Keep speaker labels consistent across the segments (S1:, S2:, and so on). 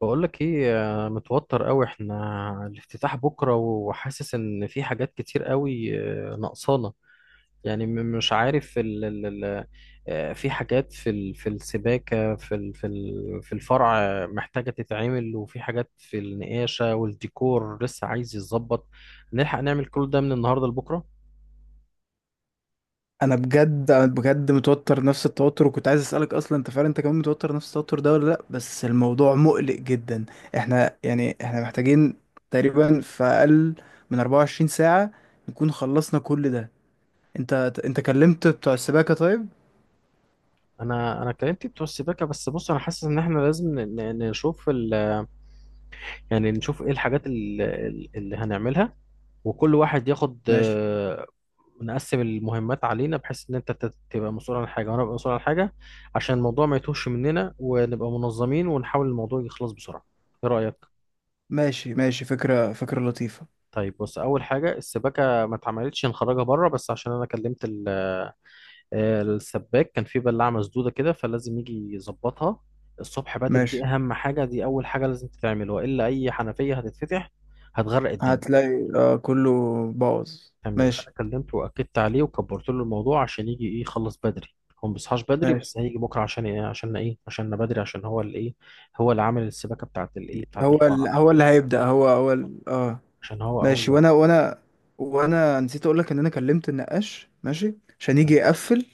S1: بقول لك ايه. متوتر قوي احنا. الافتتاح بكره، وحاسس ان في حاجات كتير قوي، ناقصانا. يعني مش عارف ال ال ال آه، في حاجات في السباكه، في الفرع، محتاجه تتعمل، وفي حاجات في النقاشه والديكور لسه عايز يتظبط. نلحق نعمل كل ده من النهارده لبكره؟
S2: انا بجد متوتر، نفس التوتر، وكنت عايز اسالك اصلا انت فعلا انت كمان متوتر نفس التوتر ده ولا لا؟ بس الموضوع مقلق جدا. احنا محتاجين، تقريبا، في اقل من 24 ساعه نكون خلصنا كل ده. انت انت كلمت بتوع السباكه طيب؟
S1: انا كلمت بتوع السباكه، بس بص، انا حاسس ان احنا لازم نشوف. يعني نشوف ايه الحاجات اللي هنعملها، وكل واحد ياخد
S2: ماشي،
S1: نقسم المهمات علينا، بحيث ان انت تبقى مسؤول عن حاجه وانا ابقى مسؤول عن حاجه، عشان الموضوع ما يتوهش مننا، ونبقى منظمين، ونحاول الموضوع يخلص بسرعه. ايه رايك؟
S2: ماشي، ماشي، فكره فكره لطيفه.
S1: طيب بص، اول حاجه السباكه ما اتعملتش، نخرجها بره، بس عشان انا كلمت السباك. كان في بلاعه مسدوده كده فلازم يجي يظبطها الصبح بدري.
S2: ماشي.
S1: دي اهم حاجه، دي اول حاجه لازم تتعمل، والا اي حنفيه هتتفتح هتغرق الدنيا.
S2: هتلاقي كله باظ.
S1: تمام، انا
S2: ماشي،
S1: كلمته واكدت عليه وكبرت له الموضوع عشان يجي ايه، يخلص بدري. هو ما بيصحاش بدري،
S2: ماشي.
S1: بس هيجي بكره. عشان ايه؟ عشان ايه؟ عشان بدري، عشان هو اللي ايه، هو اللي عامل السباكه بتاعت الايه بتاعت الفرع،
S2: هو اللي هيبدا، هو هو ال... اه
S1: عشان هو اول
S2: ماشي.
S1: واحد.
S2: وانا نسيت اقول لك ان انا كلمت النقاش، ماشي، عشان يجي
S1: تمام.
S2: يقفل.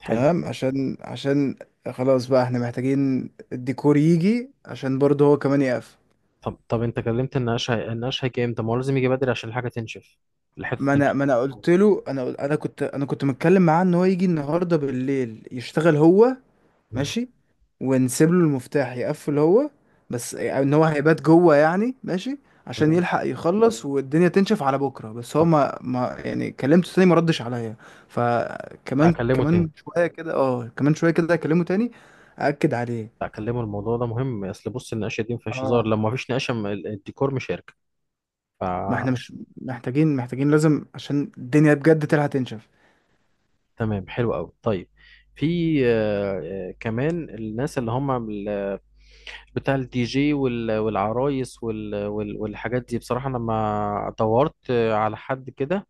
S1: حلو.
S2: تمام، عشان خلاص بقى احنا محتاجين الديكور يجي عشان برضه هو كمان يقفل.
S1: طب، انت كلمت النقاش. النقاش هيجي امتى؟ ما هو لازم يجي بدري عشان الحاجه تنشف، الحته
S2: ما انا
S1: تنشف.
S2: ما انا قلت له انا كنت متكلم معاه ان هو يجي النهارده بالليل يشتغل هو.
S1: مم.
S2: ماشي. ونسيب له المفتاح يقفل هو. بس ان هو هيبات جوه يعني، ماشي، عشان
S1: تمام.
S2: يلحق يخلص والدنيا تنشف على بكره. بس هو
S1: طب.
S2: ما يعني كلمته تاني، ما ردش عليا.
S1: لا
S2: فكمان
S1: اكلمه تاني.
S2: كمان شويه كده اه كمان شويه كده اكلمه تاني، اكد عليه.
S1: لا اكلمه، الموضوع ده مهم. اصل بص، النقاشه دي ما فيهاش هزار،
S2: اه.
S1: لما ما فيش نقاشه الديكور مش هيركب ف
S2: ما احنا مش محتاجين لازم، عشان الدنيا بجد تلحق تنشف.
S1: تمام. حلو قوي. طيب، في كمان الناس اللي هم بتاع الدي جي والعرايس والحاجات دي. بصراحة انا ما دورت على حد كده،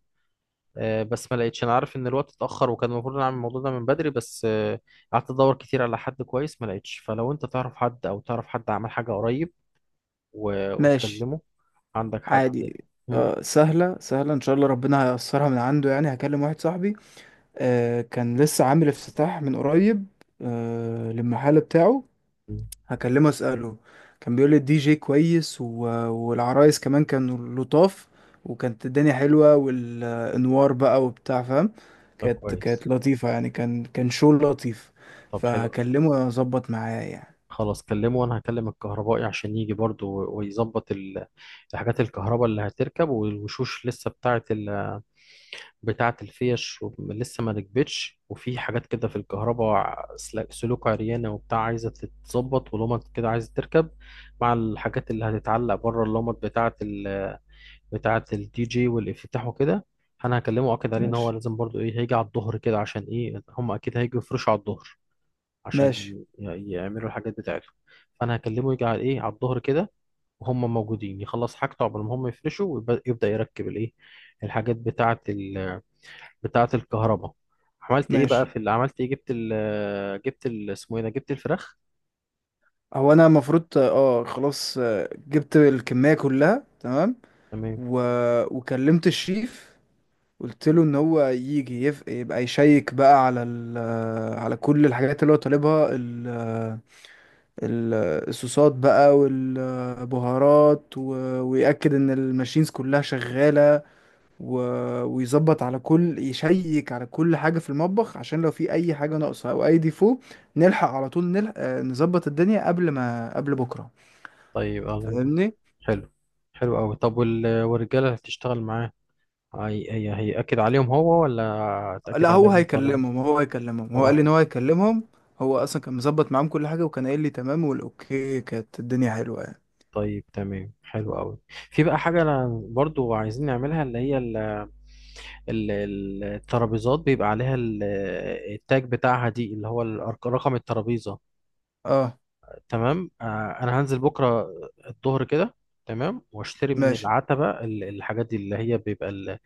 S1: بس ما لقيتش. انا عارف ان الوقت اتأخر، وكان المفروض نعمل الموضوع ده من بدري، بس قعدت ادور كتير على حد كويس، ما لقيتش. فلو انت تعرف حد، او تعرف حد عمل حاجة قريب
S2: ماشي،
S1: وتكلمه. عندك حد؟
S2: عادي.
S1: مم.
S2: آه، سهله سهله، ان شاء الله ربنا هيأثرها من عنده يعني. هكلم واحد صاحبي آه كان لسه عامل افتتاح من قريب، آه، للمحل بتاعه.
S1: مم.
S2: هكلمه، اسأله. كان بيقول لي الدي جي كويس، والعرايس كمان كانوا لطاف، وكانت الدنيا حلوة، والانوار بقى وبتاع فاهم.
S1: طب
S2: كانت
S1: كويس.
S2: كانت لطيفة يعني، كان شو لطيف.
S1: طب حلو.
S2: فهكلمه اظبط معاه يعني.
S1: خلاص، كلمه، وانا هكلم الكهربائي عشان يجي برضو ويظبط الحاجات الكهرباء اللي هتركب، والوشوش لسه بتاعه ال... بتاعه الفيش، لسه ما ركبتش، وفي حاجات كده في الكهرباء سلوك عريانه وبتاع عايزه تتظبط، ولمط كده عايزه تركب مع الحاجات اللي هتتعلق بره، اللمط بتاعه ال... بتاعه الدي جي والافتتاح وكده. انا هكلمه واكد عليه ان هو
S2: ماشي،
S1: لازم برضو ايه، هيجي على الظهر كده. عشان ايه؟ هم اكيد هيجوا يفرشوا على الظهر عشان
S2: ماشي،
S1: يعملوا الحاجات بتاعتهم، فانا هكلمه يجي على ايه، على الظهر كده، وهم موجودين، يخلص حاجته قبل ما هم يفرشوا ويبدا يركب الايه، الحاجات بتاعه ال... بتاعه الكهرباء. عملت ايه بقى
S2: ماشي.
S1: في اللي عملت ايه؟ اسمه ايه ده، جبت الفراخ.
S2: هو انا المفروض، خلاص، جبت الكمية كلها تمام.
S1: تمام.
S2: و... وكلمت الشيف. قلت له ان هو يجي، يبقى يشيك بقى على على كل الحاجات اللي هو طالبها، ال- الصوصات بقى والبهارات، ويأكد ان الماشينز كلها شغالة، و... ويظبط على كل، حاجة في المطبخ عشان لو في اي حاجة ناقصة او اي ديفو نلحق على طول، نظبط الدنيا قبل بكرة.
S1: طيب، الله ينور.
S2: فاهمني؟
S1: حلو. حلو قوي. طب وال... والرجاله اللي هتشتغل معاه، هيأكد عليهم هو ولا
S2: لا،
S1: تأكد
S2: هو
S1: عليهم انت، ولا؟
S2: هيكلمهم، هو هيكلمهم، هو
S1: هو
S2: قال لي ان هو
S1: عايز.
S2: هيكلمهم. هو اصلا كان مظبط معاهم كل حاجه، وكان قايل لي تمام والاوكي، كانت الدنيا حلوه يعني.
S1: طيب، تمام. حلو قوي. في بقى حاجة أنا برضو عايزين نعملها، اللي هي الترابيزات بيبقى عليها التاج بتاعها دي، اللي هو رقم الترابيزة.
S2: اه،
S1: تمام. انا هنزل بكرة الظهر كده. تمام، واشتري من
S2: ماشي.
S1: العتبة الحاجات دي، اللي هي بيبقى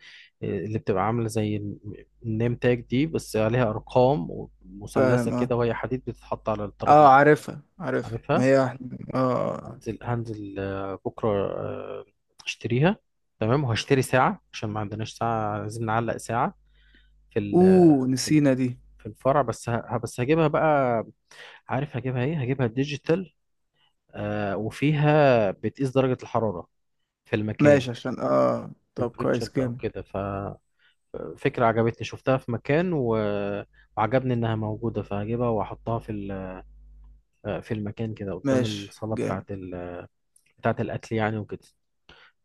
S1: اللي بتبقى عاملة زي النيم تاج دي، بس عليها ارقام مثلثة
S2: فاهم، اه،
S1: كده، وهي حديد بتتحط على
S2: اه،
S1: الترابيزة.
S2: عارفها عارفها، ما
S1: عارفها.
S2: هي واحده اه. آه.
S1: هنزل بكرة، آه، اشتريها. تمام. وهشتري ساعة عشان ما عندناش ساعة، عايزين نعلق ساعة في ال-
S2: اوه،
S1: في
S2: نسينا دي.
S1: في الفرع، بس هجيبها بقى. عارف هجيبها ايه؟ هجيبها ديجيتال، وفيها بتقيس درجة الحرارة في المكان،
S2: ماشي. عشان طب
S1: تمبريتشر
S2: كويس
S1: بقى
S2: جامد.
S1: وكده. ففكرة عجبتني، شفتها في مكان وعجبني انها موجودة، فهجيبها واحطها في ال... في المكان كده قدام
S2: ماشي،
S1: الصالة بتاعة
S2: جامد.
S1: ال... بتاعة الاكل يعني وكده.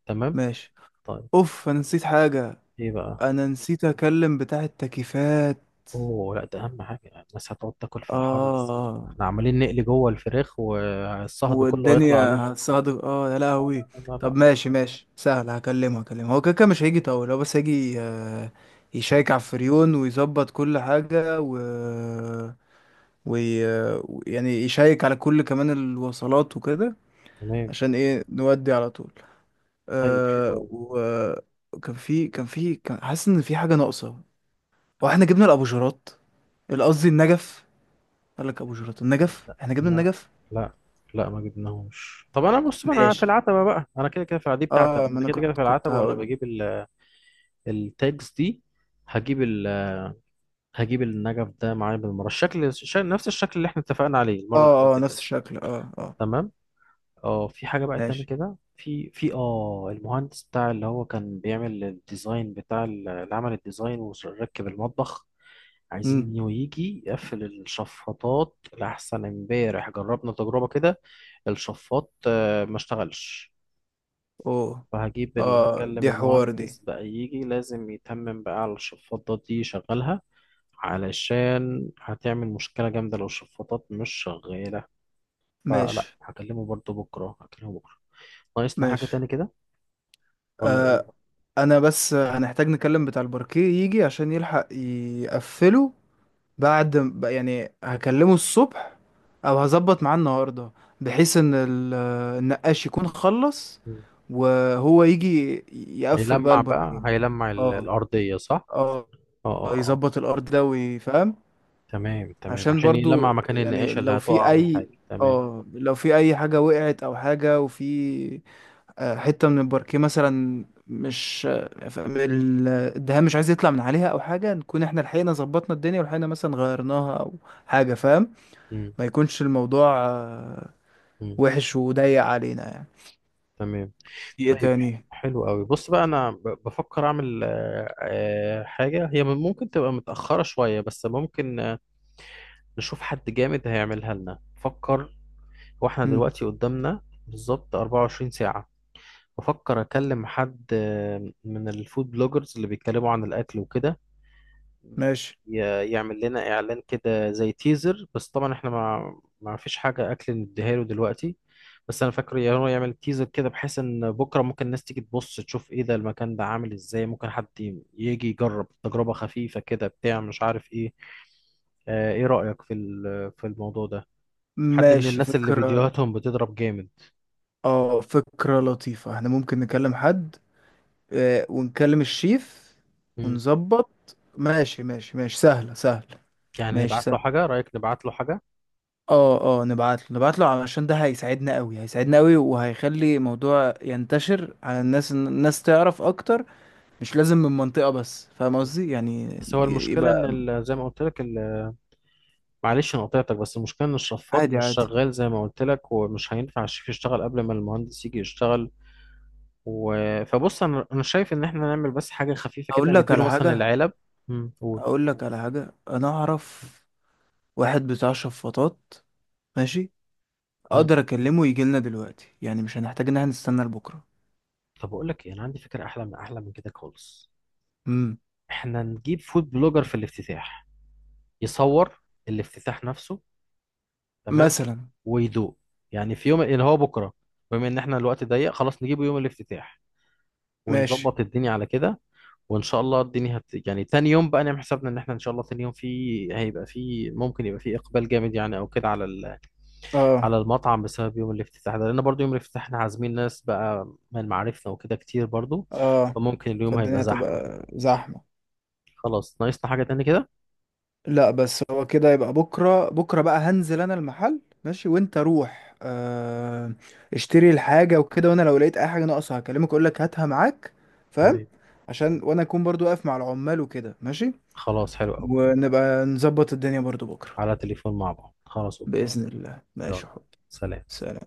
S1: تمام.
S2: ماشي.
S1: طيب.
S2: اوف، انا نسيت حاجه.
S1: ايه بقى؟
S2: انا نسيت اكلم بتاع التكييفات.
S1: اوه لا، ده اهم حاجة يعني. الناس هتقعد تاكل
S2: اه.
S1: في الحر ازاي؟
S2: آه.
S1: احنا عمالين نقلي جوه الفراخ والصهد كله هيطلع عليهم.
S2: والدنيا صادق، اه، يا
S1: لا
S2: لهوي.
S1: لا لا لا.
S2: طب، ماشي ماشي، سهل. هكلمه هو كده كده مش هيجي طول، هو بس هيجي، يشيك على الفريون ويظبط كل حاجة، وي... يعني يشيك على كل كمان الوصلات وكده
S1: تمام.
S2: عشان ايه نودي على طول.
S1: طيب. حلو
S2: أه.
S1: أوي.
S2: وكان في كان في كان حاسس ان في حاجة ناقصة. واحنا جبنا الابوجرات، قصدي النجف. قال لك ابوجرات؟ النجف.
S1: لا
S2: احنا جبنا
S1: لا
S2: النجف.
S1: لا لا، ما جبناهوش. طب انا بص، ما انا في
S2: ماشي،
S1: العتبه بقى، انا كده كده في دي بتاعتي، انا
S2: اه، ما
S1: أنا
S2: انا
S1: كده كده
S2: كنت
S1: في
S2: كنت
S1: العتبه، وانا
S2: هقول.
S1: بجيب التاجز دي. هجيب ال هجيب النجف ده معايا بالمره، الشكل نفس الشكل اللي احنا اتفقنا عليه المره اللي
S2: اه اه،
S1: فاتت
S2: نفس
S1: ده.
S2: الشكل، اه اه.
S1: تمام. اه، في حاجه بقى تاني
S2: ماشي.
S1: كده، في المهندس بتاع اللي هو كان بيعمل الديزاين بتاع اللي عمل الديزاين وركب المطبخ، عايزين
S2: امم.
S1: إنه يجي يقفل الشفاطات، لأحسن امبارح جربنا تجربة كده، الشفاط ما اشتغلش.
S2: اوه. اه،
S1: هكلم
S2: دي حوار دي.
S1: المهندس بقى يجي، لازم يتمم بقى على الشفاطات دي، يشغلها، علشان هتعمل مشكلة جامدة لو الشفاطات مش شغالة. فلا،
S2: ماشي،
S1: هكلمه برضو بكرة، هكلمه بكرة. ناقصنا حاجة
S2: ماشي،
S1: تاني كده ولا
S2: آه.
S1: ايه؟
S2: انا بس هنحتاج نكلم بتاع الباركيه، يجي عشان يلحق يقفله. يعني هكلمه الصبح، او هظبط معاه النهارده بحيث ان النقاش يكون خلص،
S1: مم.
S2: وهو يجي يقفل بقى
S1: هيلمع بقى،
S2: الباركيه.
S1: هيلمع
S2: اه.
S1: الأرضية، صح؟
S2: اه،
S1: اه اه اه.
S2: يظبط الارض ده ويفهم.
S1: تمام تمام،
S2: عشان
S1: عشان يلمع
S2: برضو
S1: مكان
S2: يعني،
S1: النقاشة اللي
S2: لو في
S1: هتقع
S2: اي،
S1: والحاجة تمام.
S2: اه لو في اي حاجة وقعت او حاجة، وفي حتة من الباركيه مثلا مش، الدهان مش عايز يطلع من عليها او حاجة، نكون احنا لحقنا ظبطنا الدنيا ولحقنا مثلا غيرناها او حاجة، فاهم؟
S1: مم.
S2: ما يكونش الموضوع
S1: مم.
S2: وحش وضيق علينا يعني.
S1: تمام.
S2: في ايه
S1: طيب.
S2: تاني؟
S1: حلو قوي. بص بقى، انا بفكر اعمل حاجه، هي ممكن تبقى متاخره شويه، بس ممكن نشوف حد جامد هيعملها لنا. فكر. واحنا
S2: مم.
S1: دلوقتي قدامنا بالظبط 24 ساعه. بفكر اكلم حد من الفود بلوجرز اللي بيتكلموا عن الاكل وكده،
S2: ماشي،
S1: يعمل لنا اعلان كده زي تيزر، بس طبعا احنا ما فيش حاجه اكل نديها له دلوقتي. بس انا فاكر، يا هو يعمل تيزر كده بحيث ان بكره ممكن الناس تيجي تبص تشوف ايه ده، المكان ده عامل ازاي، ممكن حد يجي يجرب تجربه خفيفه كده، بتاع مش عارف ايه. ايه رايك في في الموضوع ده؟ حد من
S2: ماشي،
S1: الناس اللي
S2: فكرة،
S1: فيديوهاتهم بتضرب جامد.
S2: اه فكرة لطيفة. احنا ممكن نكلم حد ونكلم الشيف
S1: مم.
S2: ونظبط. ماشي، ماشي، ماشي، سهلة سهلة.
S1: يعني
S2: ماشي،
S1: نبعت له
S2: سهلة.
S1: حاجه، رايك نبعت له حاجه؟
S2: اه اه، نبعت له علشان ده هيساعدنا قوي، هيساعدنا قوي، وهيخلي الموضوع ينتشر على الناس، الناس تعرف اكتر. مش لازم من منطقة بس، فاهم
S1: مم.
S2: قصدي؟ يعني
S1: بس هو المشكله ان
S2: يبقى
S1: زي ما قلت لك، معلش، انا قطعتك، بس المشكله ان الشفاط
S2: عادي،
S1: مش
S2: عادي.
S1: شغال زي ما قلت لك، ومش هينفع الشيف يشتغل قبل ما المهندس يجي يشتغل، و... فبص، انا شايف ان احنا نعمل بس حاجه خفيفه كده،
S2: اقول
S1: انا
S2: لك
S1: مديله
S2: على
S1: مثلا
S2: حاجة
S1: العلب. قول.
S2: اقول لك على حاجة، انا اعرف واحد بتاع شفاطات. ماشي،
S1: امم
S2: اقدر اكلمه يجي لنا دلوقتي، يعني مش هنحتاج ان احنا نستنى لبكرة.
S1: طب اقول لك ايه، انا عندي فكره احلى من كده خالص.
S2: امم،
S1: احنا نجيب فود بلوجر في الافتتاح، يصور الافتتاح نفسه، تمام،
S2: مثلا.
S1: ويدوق، يعني في يوم اللي هو بكره، بما ان احنا الوقت ضيق، خلاص نجيبه يوم الافتتاح،
S2: ماشي.
S1: ونظبط الدنيا على كده. وان شاء الله الدنيا يعني تاني يوم بقى نعمل حسابنا ان احنا ان شاء الله تاني يوم في، هيبقى في، ممكن يبقى في اقبال جامد يعني، او كده على ال...
S2: اه
S1: على المطعم بسبب يوم الافتتاح ده، لان برضو يوم الافتتاح احنا عازمين ناس بقى من معارفنا وكده كتير برضو،
S2: اه.
S1: فممكن اليوم هيبقى
S2: فالدنيا
S1: زحمة.
S2: هتبقى زحمة.
S1: خلاص، ناقصنا حاجة تاني كده؟
S2: لا، بس هو كده يبقى. بكرة بكرة بقى هنزل انا المحل، ماشي، وانت روح، آه، اشتري الحاجة وكده، وانا لو لقيت اي حاجة ناقصة هكلمك اقول لك هاتها معاك، فاهم؟
S1: تمام.
S2: عشان وانا اكون برضو واقف مع العمال وكده، ماشي.
S1: خلاص. حلو قوي.
S2: ونبقى نظبط الدنيا برضو بكرة.
S1: على تليفون مع بعض، خلاص، اوكي.
S2: بإذن الله،
S1: يلا.
S2: ماشي يا حبيبي،
S1: سلام.
S2: سلام.